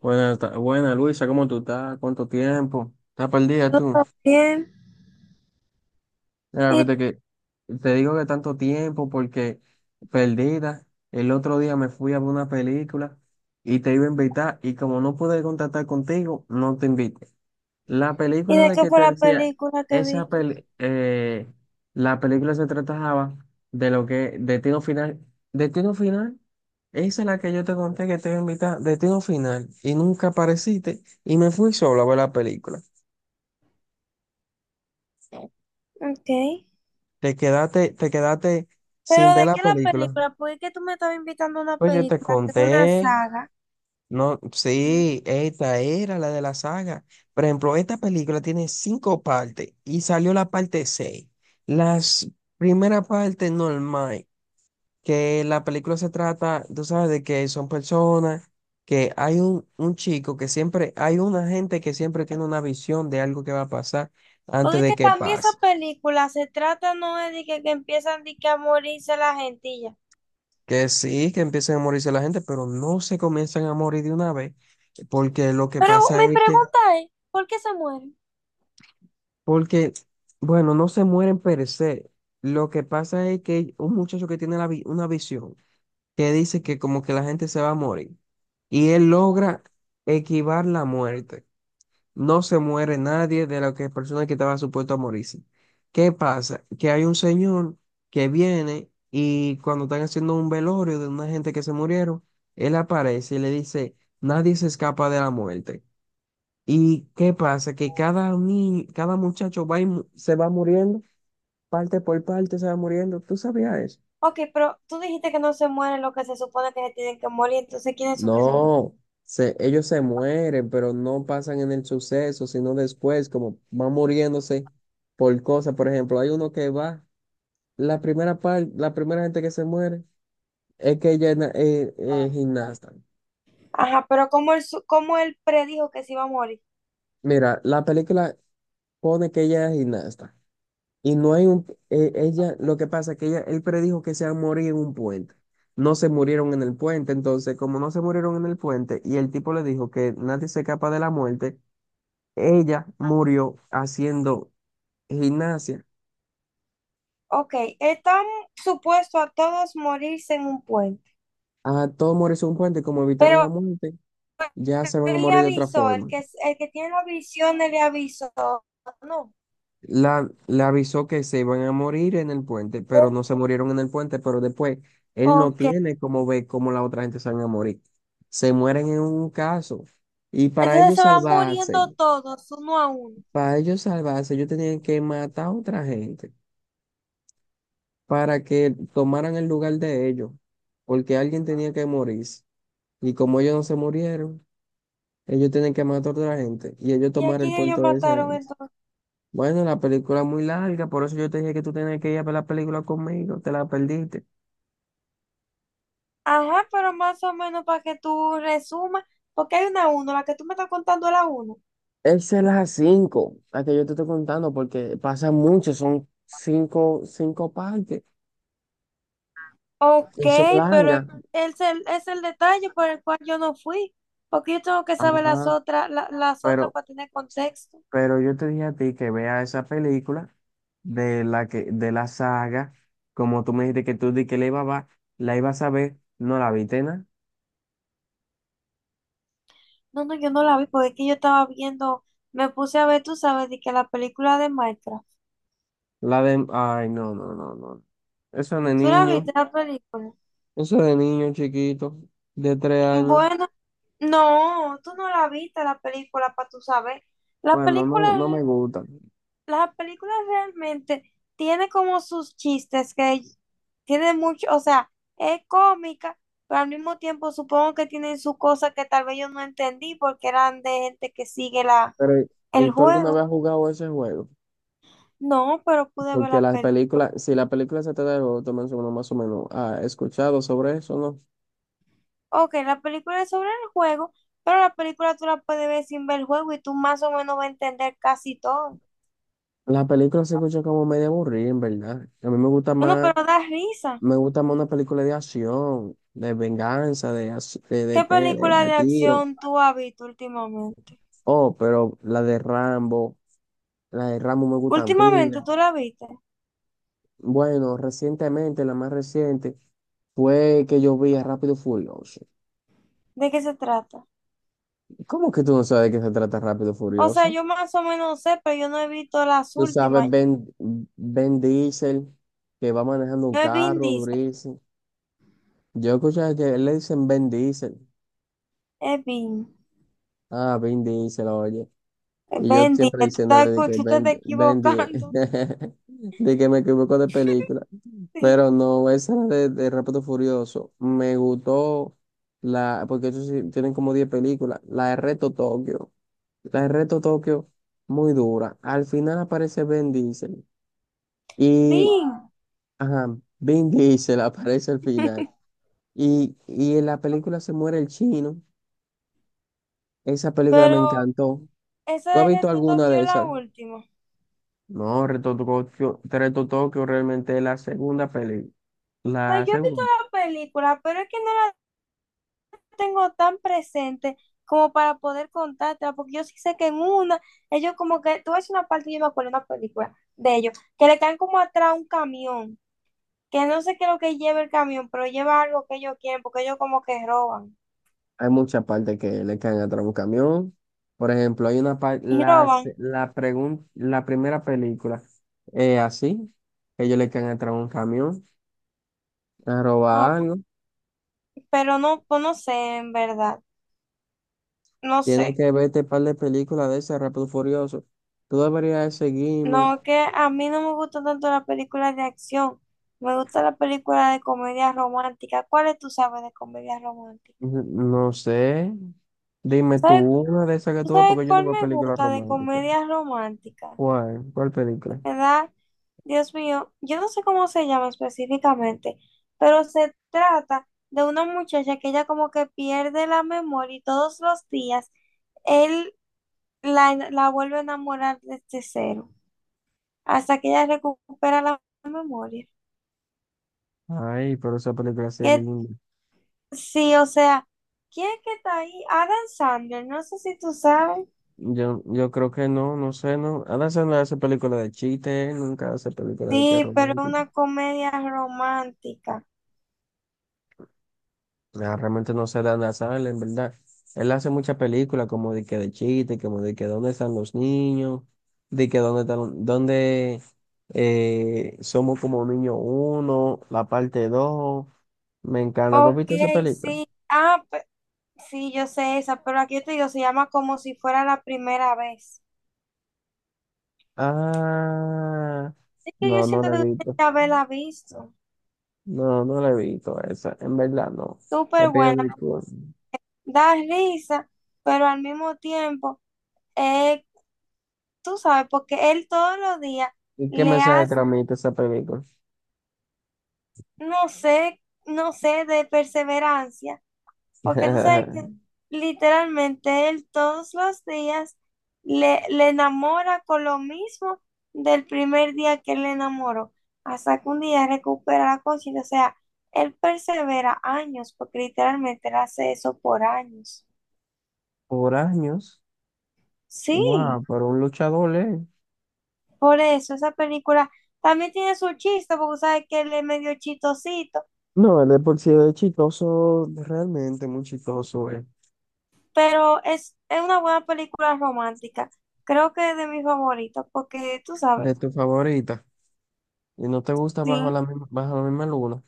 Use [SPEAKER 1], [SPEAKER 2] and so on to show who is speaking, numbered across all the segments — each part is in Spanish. [SPEAKER 1] Buena, buena Luisa, ¿cómo tú estás? ¿Cuánto tiempo? ¿Estás perdida tú?
[SPEAKER 2] Todo bien.
[SPEAKER 1] Mira,
[SPEAKER 2] ¿Y,
[SPEAKER 1] fíjate que te digo que tanto tiempo porque perdida. El otro día me fui a ver una película y te iba a invitar y como no pude contactar contigo, no te invité. La
[SPEAKER 2] y
[SPEAKER 1] película
[SPEAKER 2] de
[SPEAKER 1] de
[SPEAKER 2] qué
[SPEAKER 1] que
[SPEAKER 2] fue
[SPEAKER 1] te
[SPEAKER 2] la
[SPEAKER 1] decía,
[SPEAKER 2] película que
[SPEAKER 1] esa
[SPEAKER 2] viste?
[SPEAKER 1] pel- eh, la película se trataba de lo que, Destino Final, Destino Final, esa es la que yo te conté que te iba a invitar, Destino Final, y nunca apareciste, y me fui solo a ver la película.
[SPEAKER 2] Ok.
[SPEAKER 1] Te quedaste sin
[SPEAKER 2] ¿Pero
[SPEAKER 1] ver
[SPEAKER 2] de
[SPEAKER 1] la
[SPEAKER 2] qué la
[SPEAKER 1] película.
[SPEAKER 2] película? Porque es que tú me estabas invitando a una
[SPEAKER 1] Pues yo te
[SPEAKER 2] película, que es una
[SPEAKER 1] conté.
[SPEAKER 2] saga.
[SPEAKER 1] No,
[SPEAKER 2] Mm.
[SPEAKER 1] sí, esta era la de la saga. Por ejemplo, esta película tiene 5 partes y salió la parte 6. Las primera parte normal, que la película se trata, tú sabes, de que son personas, que hay un chico que siempre, hay una gente que siempre tiene una visión de algo que va a pasar
[SPEAKER 2] Porque
[SPEAKER 1] antes
[SPEAKER 2] es que
[SPEAKER 1] de que
[SPEAKER 2] también esa
[SPEAKER 1] pase.
[SPEAKER 2] película se trata, no es de que empiezan de que a morirse la gente y ya.
[SPEAKER 1] Que sí, que empiecen a morirse la gente, pero no se comienzan a morir de una vez, porque lo que
[SPEAKER 2] Pero
[SPEAKER 1] pasa
[SPEAKER 2] mi
[SPEAKER 1] es que
[SPEAKER 2] pregunta es, ¿por qué se mueren?
[SPEAKER 1] porque, bueno, no se mueren per se. Lo que pasa es que un muchacho que tiene una visión que dice que como que la gente se va a morir y él logra esquivar la muerte. No se muere nadie de las que personas que estaba supuesto a morirse. ¿Qué pasa? Que hay un señor que viene y cuando están haciendo un velorio de una gente que se murieron, él aparece y le dice, nadie se escapa de la muerte. ¿Y qué pasa? Que cada ni cada muchacho va y se va muriendo, parte por parte se va muriendo. ¿Tú sabías eso?
[SPEAKER 2] Ok, pero tú dijiste que no se mueren los que se supone que se tienen que morir, entonces ¿quiénes son que se mueren?
[SPEAKER 1] No, ellos se mueren, pero no pasan en el suceso, sino después, como van muriéndose por cosas. Por ejemplo, hay uno que va, la primera gente que se muere es que ella es gimnasta.
[SPEAKER 2] Ajá, pero como él, como él predijo que se iba a morir.
[SPEAKER 1] Mira, la película pone que ella es gimnasta. Y no hay un, ella, lo que pasa es que ella, él predijo que se iba a morir en un puente. No se murieron en el puente, entonces como no se murieron en el puente y el tipo le dijo que nadie se escapa de la muerte, ella murió haciendo gimnasia.
[SPEAKER 2] Ok, están supuestos a todos morirse en un puente,
[SPEAKER 1] A todos morirse en un puente, como evitaron la
[SPEAKER 2] pero
[SPEAKER 1] muerte, ya se van a
[SPEAKER 2] él le
[SPEAKER 1] morir de otra
[SPEAKER 2] avisó,
[SPEAKER 1] forma.
[SPEAKER 2] el que tiene la visión él le avisó, no.
[SPEAKER 1] La, le avisó que se iban a morir en el puente, pero
[SPEAKER 2] Él-
[SPEAKER 1] no se murieron en el puente, pero después él no
[SPEAKER 2] Ok,
[SPEAKER 1] tiene cómo ver cómo la otra gente se van a morir. Se mueren en un caso. Y
[SPEAKER 2] entonces se van muriendo todos, uno a uno.
[SPEAKER 1] para ellos salvarse, ellos tenían que matar a otra gente para que tomaran el lugar de ellos, porque alguien tenía que morirse. Y como ellos no se murieron, ellos tienen que matar a otra gente y ellos
[SPEAKER 2] ¿Y a
[SPEAKER 1] tomaron el
[SPEAKER 2] quién ellos
[SPEAKER 1] puerto de esa
[SPEAKER 2] mataron
[SPEAKER 1] gente.
[SPEAKER 2] entonces?
[SPEAKER 1] Bueno, la película es muy larga, por eso yo te dije que tú tenías que ir a ver la película conmigo, te la perdiste.
[SPEAKER 2] Ajá, pero más o menos para que tú resumas, porque hay una uno, la que tú me estás contando es la uno.
[SPEAKER 1] Esa es la 5, la que yo te estoy contando, porque pasa mucho, son 5, 5 partes
[SPEAKER 2] Ok,
[SPEAKER 1] y son
[SPEAKER 2] pero
[SPEAKER 1] largas.
[SPEAKER 2] es el detalle por el cual yo no fui, porque yo tengo que saber las
[SPEAKER 1] Ajá,
[SPEAKER 2] otras, las otras
[SPEAKER 1] pero,
[SPEAKER 2] para tener contexto.
[SPEAKER 1] pero yo te dije a ti que vea esa película de la que, de la saga, como tú me dijiste que tú di que la iba a ver, la ibas a ver, no la viste, nada.
[SPEAKER 2] No, no, yo no la vi porque es que yo estaba viendo, me puse a ver, tú sabes, de que la película de Minecraft.
[SPEAKER 1] La de, ay, no, no, no, no. Eso es de
[SPEAKER 2] ¿Tú la
[SPEAKER 1] niño,
[SPEAKER 2] viste la película?
[SPEAKER 1] eso es de niño chiquito, de 3 años.
[SPEAKER 2] Bueno, no, tú no la viste la película para tú saber. La
[SPEAKER 1] Bueno, no
[SPEAKER 2] película,
[SPEAKER 1] me, no me gustan.
[SPEAKER 2] las películas realmente tiene como sus chistes que tiene mucho, o sea, es cómica, pero al mismo tiempo supongo que tienen sus cosas que tal vez yo no entendí porque eran de gente que sigue la,
[SPEAKER 1] Pero, ¿y
[SPEAKER 2] el
[SPEAKER 1] tú alguna
[SPEAKER 2] juego.
[SPEAKER 1] vez has jugado ese juego?
[SPEAKER 2] No, pero pude ver
[SPEAKER 1] Porque
[SPEAKER 2] la
[SPEAKER 1] las
[SPEAKER 2] película.
[SPEAKER 1] películas, si la película se trata de juego, tú mencionas más o menos, ¿ha escuchado sobre eso, no?
[SPEAKER 2] Ok, la película es sobre el juego, pero la película tú la puedes ver sin ver el juego y tú más o menos vas a entender casi todo.
[SPEAKER 1] La película se escucha como medio aburrida, en verdad. A mí
[SPEAKER 2] Bueno, pero da risa.
[SPEAKER 1] me gusta más una película de acción, de venganza, de
[SPEAKER 2] ¿Qué película
[SPEAKER 1] pelea,
[SPEAKER 2] de
[SPEAKER 1] tiro.
[SPEAKER 2] acción tú has visto últimamente?
[SPEAKER 1] Oh, pero la de Rambo me gustan pila.
[SPEAKER 2] Últimamente tú la viste.
[SPEAKER 1] Bueno, recientemente, la más reciente, fue que yo vi a Rápido y Furioso.
[SPEAKER 2] ¿De qué se trata?
[SPEAKER 1] ¿Cómo que tú no sabes de qué se trata Rápido y
[SPEAKER 2] O sea,
[SPEAKER 1] Furioso?
[SPEAKER 2] yo más o menos sé, pero yo no he visto las
[SPEAKER 1] Tú sabes
[SPEAKER 2] últimas.
[SPEAKER 1] Ben, Ben Diesel, que va manejando un
[SPEAKER 2] No es Vin
[SPEAKER 1] carro
[SPEAKER 2] Diesel,
[SPEAKER 1] durísimo. Yo escuché que le dicen Ben Diesel.
[SPEAKER 2] es Vin.
[SPEAKER 1] Ah, Ben Diesel, oye. Y yo
[SPEAKER 2] Vin
[SPEAKER 1] siempre
[SPEAKER 2] Diesel, tú estás,
[SPEAKER 1] diciéndole de que
[SPEAKER 2] tú te estás
[SPEAKER 1] Bendy,
[SPEAKER 2] equivocando.
[SPEAKER 1] de que me equivoco de película. Pero
[SPEAKER 2] Sí,
[SPEAKER 1] no, esa era de Rápido Furioso. Me gustó la, porque ellos sí tienen como 10 películas. La de Reto Tokio. La de Reto Tokio, muy dura. Al final aparece Ben Diesel. Y,
[SPEAKER 2] Vin,
[SPEAKER 1] ajá, Ben Diesel aparece al final. Y en la película se muere el chino. Esa película me
[SPEAKER 2] pero
[SPEAKER 1] encantó. ¿Tú
[SPEAKER 2] esa
[SPEAKER 1] has
[SPEAKER 2] de
[SPEAKER 1] visto
[SPEAKER 2] Reto
[SPEAKER 1] alguna
[SPEAKER 2] Tokio
[SPEAKER 1] de
[SPEAKER 2] es la
[SPEAKER 1] esas?
[SPEAKER 2] última. O
[SPEAKER 1] No, Reto Tokio, Reto Tokio realmente es la segunda peli.
[SPEAKER 2] sea,
[SPEAKER 1] La
[SPEAKER 2] yo he visto
[SPEAKER 1] segunda.
[SPEAKER 2] la película, pero es que no la tengo tan presente como para poder contártela, porque yo sí sé que en una, ellos como que, tú ves una parte, yo me acuerdo de una película de ellos, que le caen como atrás a un camión, que no sé qué es lo que lleva el camión, pero lleva algo que ellos quieren, porque ellos como que roban.
[SPEAKER 1] Hay muchas partes que le caen atrás a un camión. Por ejemplo, hay una parte,
[SPEAKER 2] Y
[SPEAKER 1] la, se-
[SPEAKER 2] roban,
[SPEAKER 1] la, pregun- la primera película es así, que ellos le caen atrás a un camión a robar
[SPEAKER 2] ah,
[SPEAKER 1] algo.
[SPEAKER 2] pero no, pues no sé, en verdad, no
[SPEAKER 1] Tienes
[SPEAKER 2] sé.
[SPEAKER 1] que verte un par de películas de ese Rápido y Furioso. Tú deberías de seguirme.
[SPEAKER 2] No, que a mí no me gusta tanto las películas de acción, me gusta la película de comedia romántica. ¿Cuáles tú sabes de comedia romántica?
[SPEAKER 1] No sé. Dime tú
[SPEAKER 2] ¿Sabes,
[SPEAKER 1] una de esas que
[SPEAKER 2] tú
[SPEAKER 1] tú ves,
[SPEAKER 2] sabes
[SPEAKER 1] porque yo no
[SPEAKER 2] cuál
[SPEAKER 1] veo
[SPEAKER 2] me
[SPEAKER 1] películas
[SPEAKER 2] gusta de
[SPEAKER 1] románticas.
[SPEAKER 2] comedia romántica?
[SPEAKER 1] ¿Cuál? ¿Cuál película?
[SPEAKER 2] ¿Verdad? Dios mío, yo no sé cómo se llama específicamente, pero se trata de una muchacha que ella como que pierde la memoria y todos los días él la vuelve a enamorar desde cero, hasta que ella recupera la memoria.
[SPEAKER 1] Ay, pero esa película sí es
[SPEAKER 2] Que
[SPEAKER 1] linda.
[SPEAKER 2] sí, o sea, ¿quién es que está ahí? Adam Sandler, no sé si tú sabes.
[SPEAKER 1] Yo creo que no, no sé, no. Adam no hace película de chiste, él nunca hace película de que
[SPEAKER 2] Sí, pero
[SPEAKER 1] romántica.
[SPEAKER 2] una comedia romántica.
[SPEAKER 1] Ah, realmente no sé de Adam Sandler, en verdad. Él hace muchas películas como de que de chiste, como de que dónde están los niños, de que dónde están, dónde somos como niño uno, la parte 2. Me encanta. ¿Tú has
[SPEAKER 2] Ok,
[SPEAKER 1] visto esa película?
[SPEAKER 2] sí. Ah, sí, yo sé esa, pero aquí te digo, se llama Como si fuera la primera vez.
[SPEAKER 1] Ah,
[SPEAKER 2] Es que yo
[SPEAKER 1] no, no
[SPEAKER 2] siento
[SPEAKER 1] la he
[SPEAKER 2] que tú tienes
[SPEAKER 1] visto.
[SPEAKER 2] que haberla visto.
[SPEAKER 1] No, no la he visto esa, en verdad no. Te
[SPEAKER 2] Súper
[SPEAKER 1] pido
[SPEAKER 2] buena.
[SPEAKER 1] disculpas.
[SPEAKER 2] Da risa, pero al mismo tiempo, eh, tú sabes, porque él todos los días
[SPEAKER 1] ¿Y qué
[SPEAKER 2] le
[SPEAKER 1] mensaje
[SPEAKER 2] hace,
[SPEAKER 1] transmite esa película?
[SPEAKER 2] no sé, no sé, de perseverancia. Porque tú sabes que literalmente él todos los días le enamora con lo mismo del primer día que él le enamoró, hasta que un día recupera la conciencia. O sea, él persevera años, porque literalmente él hace eso por años.
[SPEAKER 1] Por años,
[SPEAKER 2] Sí,
[SPEAKER 1] wow, pero un luchador, ¿eh?
[SPEAKER 2] por eso esa película también tiene su chiste, porque sabes que él es medio chistosito,
[SPEAKER 1] No, él de por sí es chistoso, realmente muy chistoso, ¿eh?
[SPEAKER 2] pero es una buena película romántica. Creo que es de mis favoritos, porque tú sabes,
[SPEAKER 1] De tu favorita. Y no te gusta
[SPEAKER 2] sí.
[SPEAKER 1] bajo la misma luna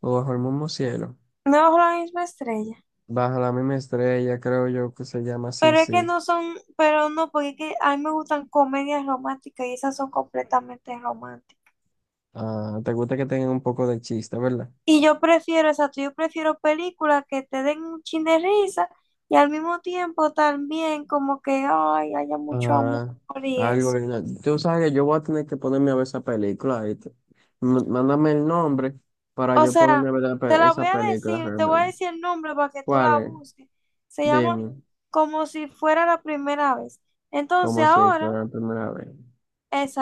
[SPEAKER 1] o bajo el mismo cielo.
[SPEAKER 2] No, bajo la misma estrella.
[SPEAKER 1] Bajo la misma estrella, creo yo que se llama así,
[SPEAKER 2] Pero es que
[SPEAKER 1] sí.
[SPEAKER 2] no son, pero no, porque es que a mí me gustan comedias románticas y esas son completamente románticas.
[SPEAKER 1] Ah, te gusta que tengan un poco de chiste, ¿verdad?
[SPEAKER 2] Y yo prefiero, exacto, yo prefiero películas que te den un chin de risa y al mismo tiempo también como que, ay, haya mucho amor
[SPEAKER 1] Ah,
[SPEAKER 2] y
[SPEAKER 1] algo
[SPEAKER 2] eso.
[SPEAKER 1] original. Tú sabes que yo voy a tener que ponerme a ver esa película. ¿Viste? Mándame el nombre para
[SPEAKER 2] O
[SPEAKER 1] yo ponerme a
[SPEAKER 2] sea,
[SPEAKER 1] ver
[SPEAKER 2] te la voy
[SPEAKER 1] esa
[SPEAKER 2] a
[SPEAKER 1] película
[SPEAKER 2] decir, te voy a
[SPEAKER 1] realmente.
[SPEAKER 2] decir el nombre para que tú
[SPEAKER 1] ¿Cuál
[SPEAKER 2] la
[SPEAKER 1] es?
[SPEAKER 2] busques. Se llama
[SPEAKER 1] Dime,
[SPEAKER 2] Como si fuera la primera vez. Entonces
[SPEAKER 1] como si
[SPEAKER 2] ahora...
[SPEAKER 1] fuera la primera vez.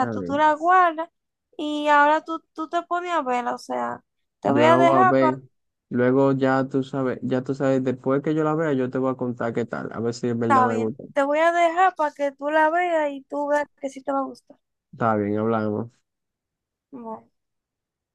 [SPEAKER 1] A ver,
[SPEAKER 2] tú la guardas y ahora tú te pones a verla, o sea, te voy
[SPEAKER 1] yo la
[SPEAKER 2] a
[SPEAKER 1] voy a
[SPEAKER 2] dejar para,
[SPEAKER 1] ver. Luego ya tú sabes, después que yo la vea, yo te voy a contar qué tal. A ver si es verdad
[SPEAKER 2] está
[SPEAKER 1] me
[SPEAKER 2] bien,
[SPEAKER 1] gusta.
[SPEAKER 2] te voy a dejar para que tú la veas y tú veas que sí te va a gustar.
[SPEAKER 1] Está bien, hablamos.
[SPEAKER 2] Bueno.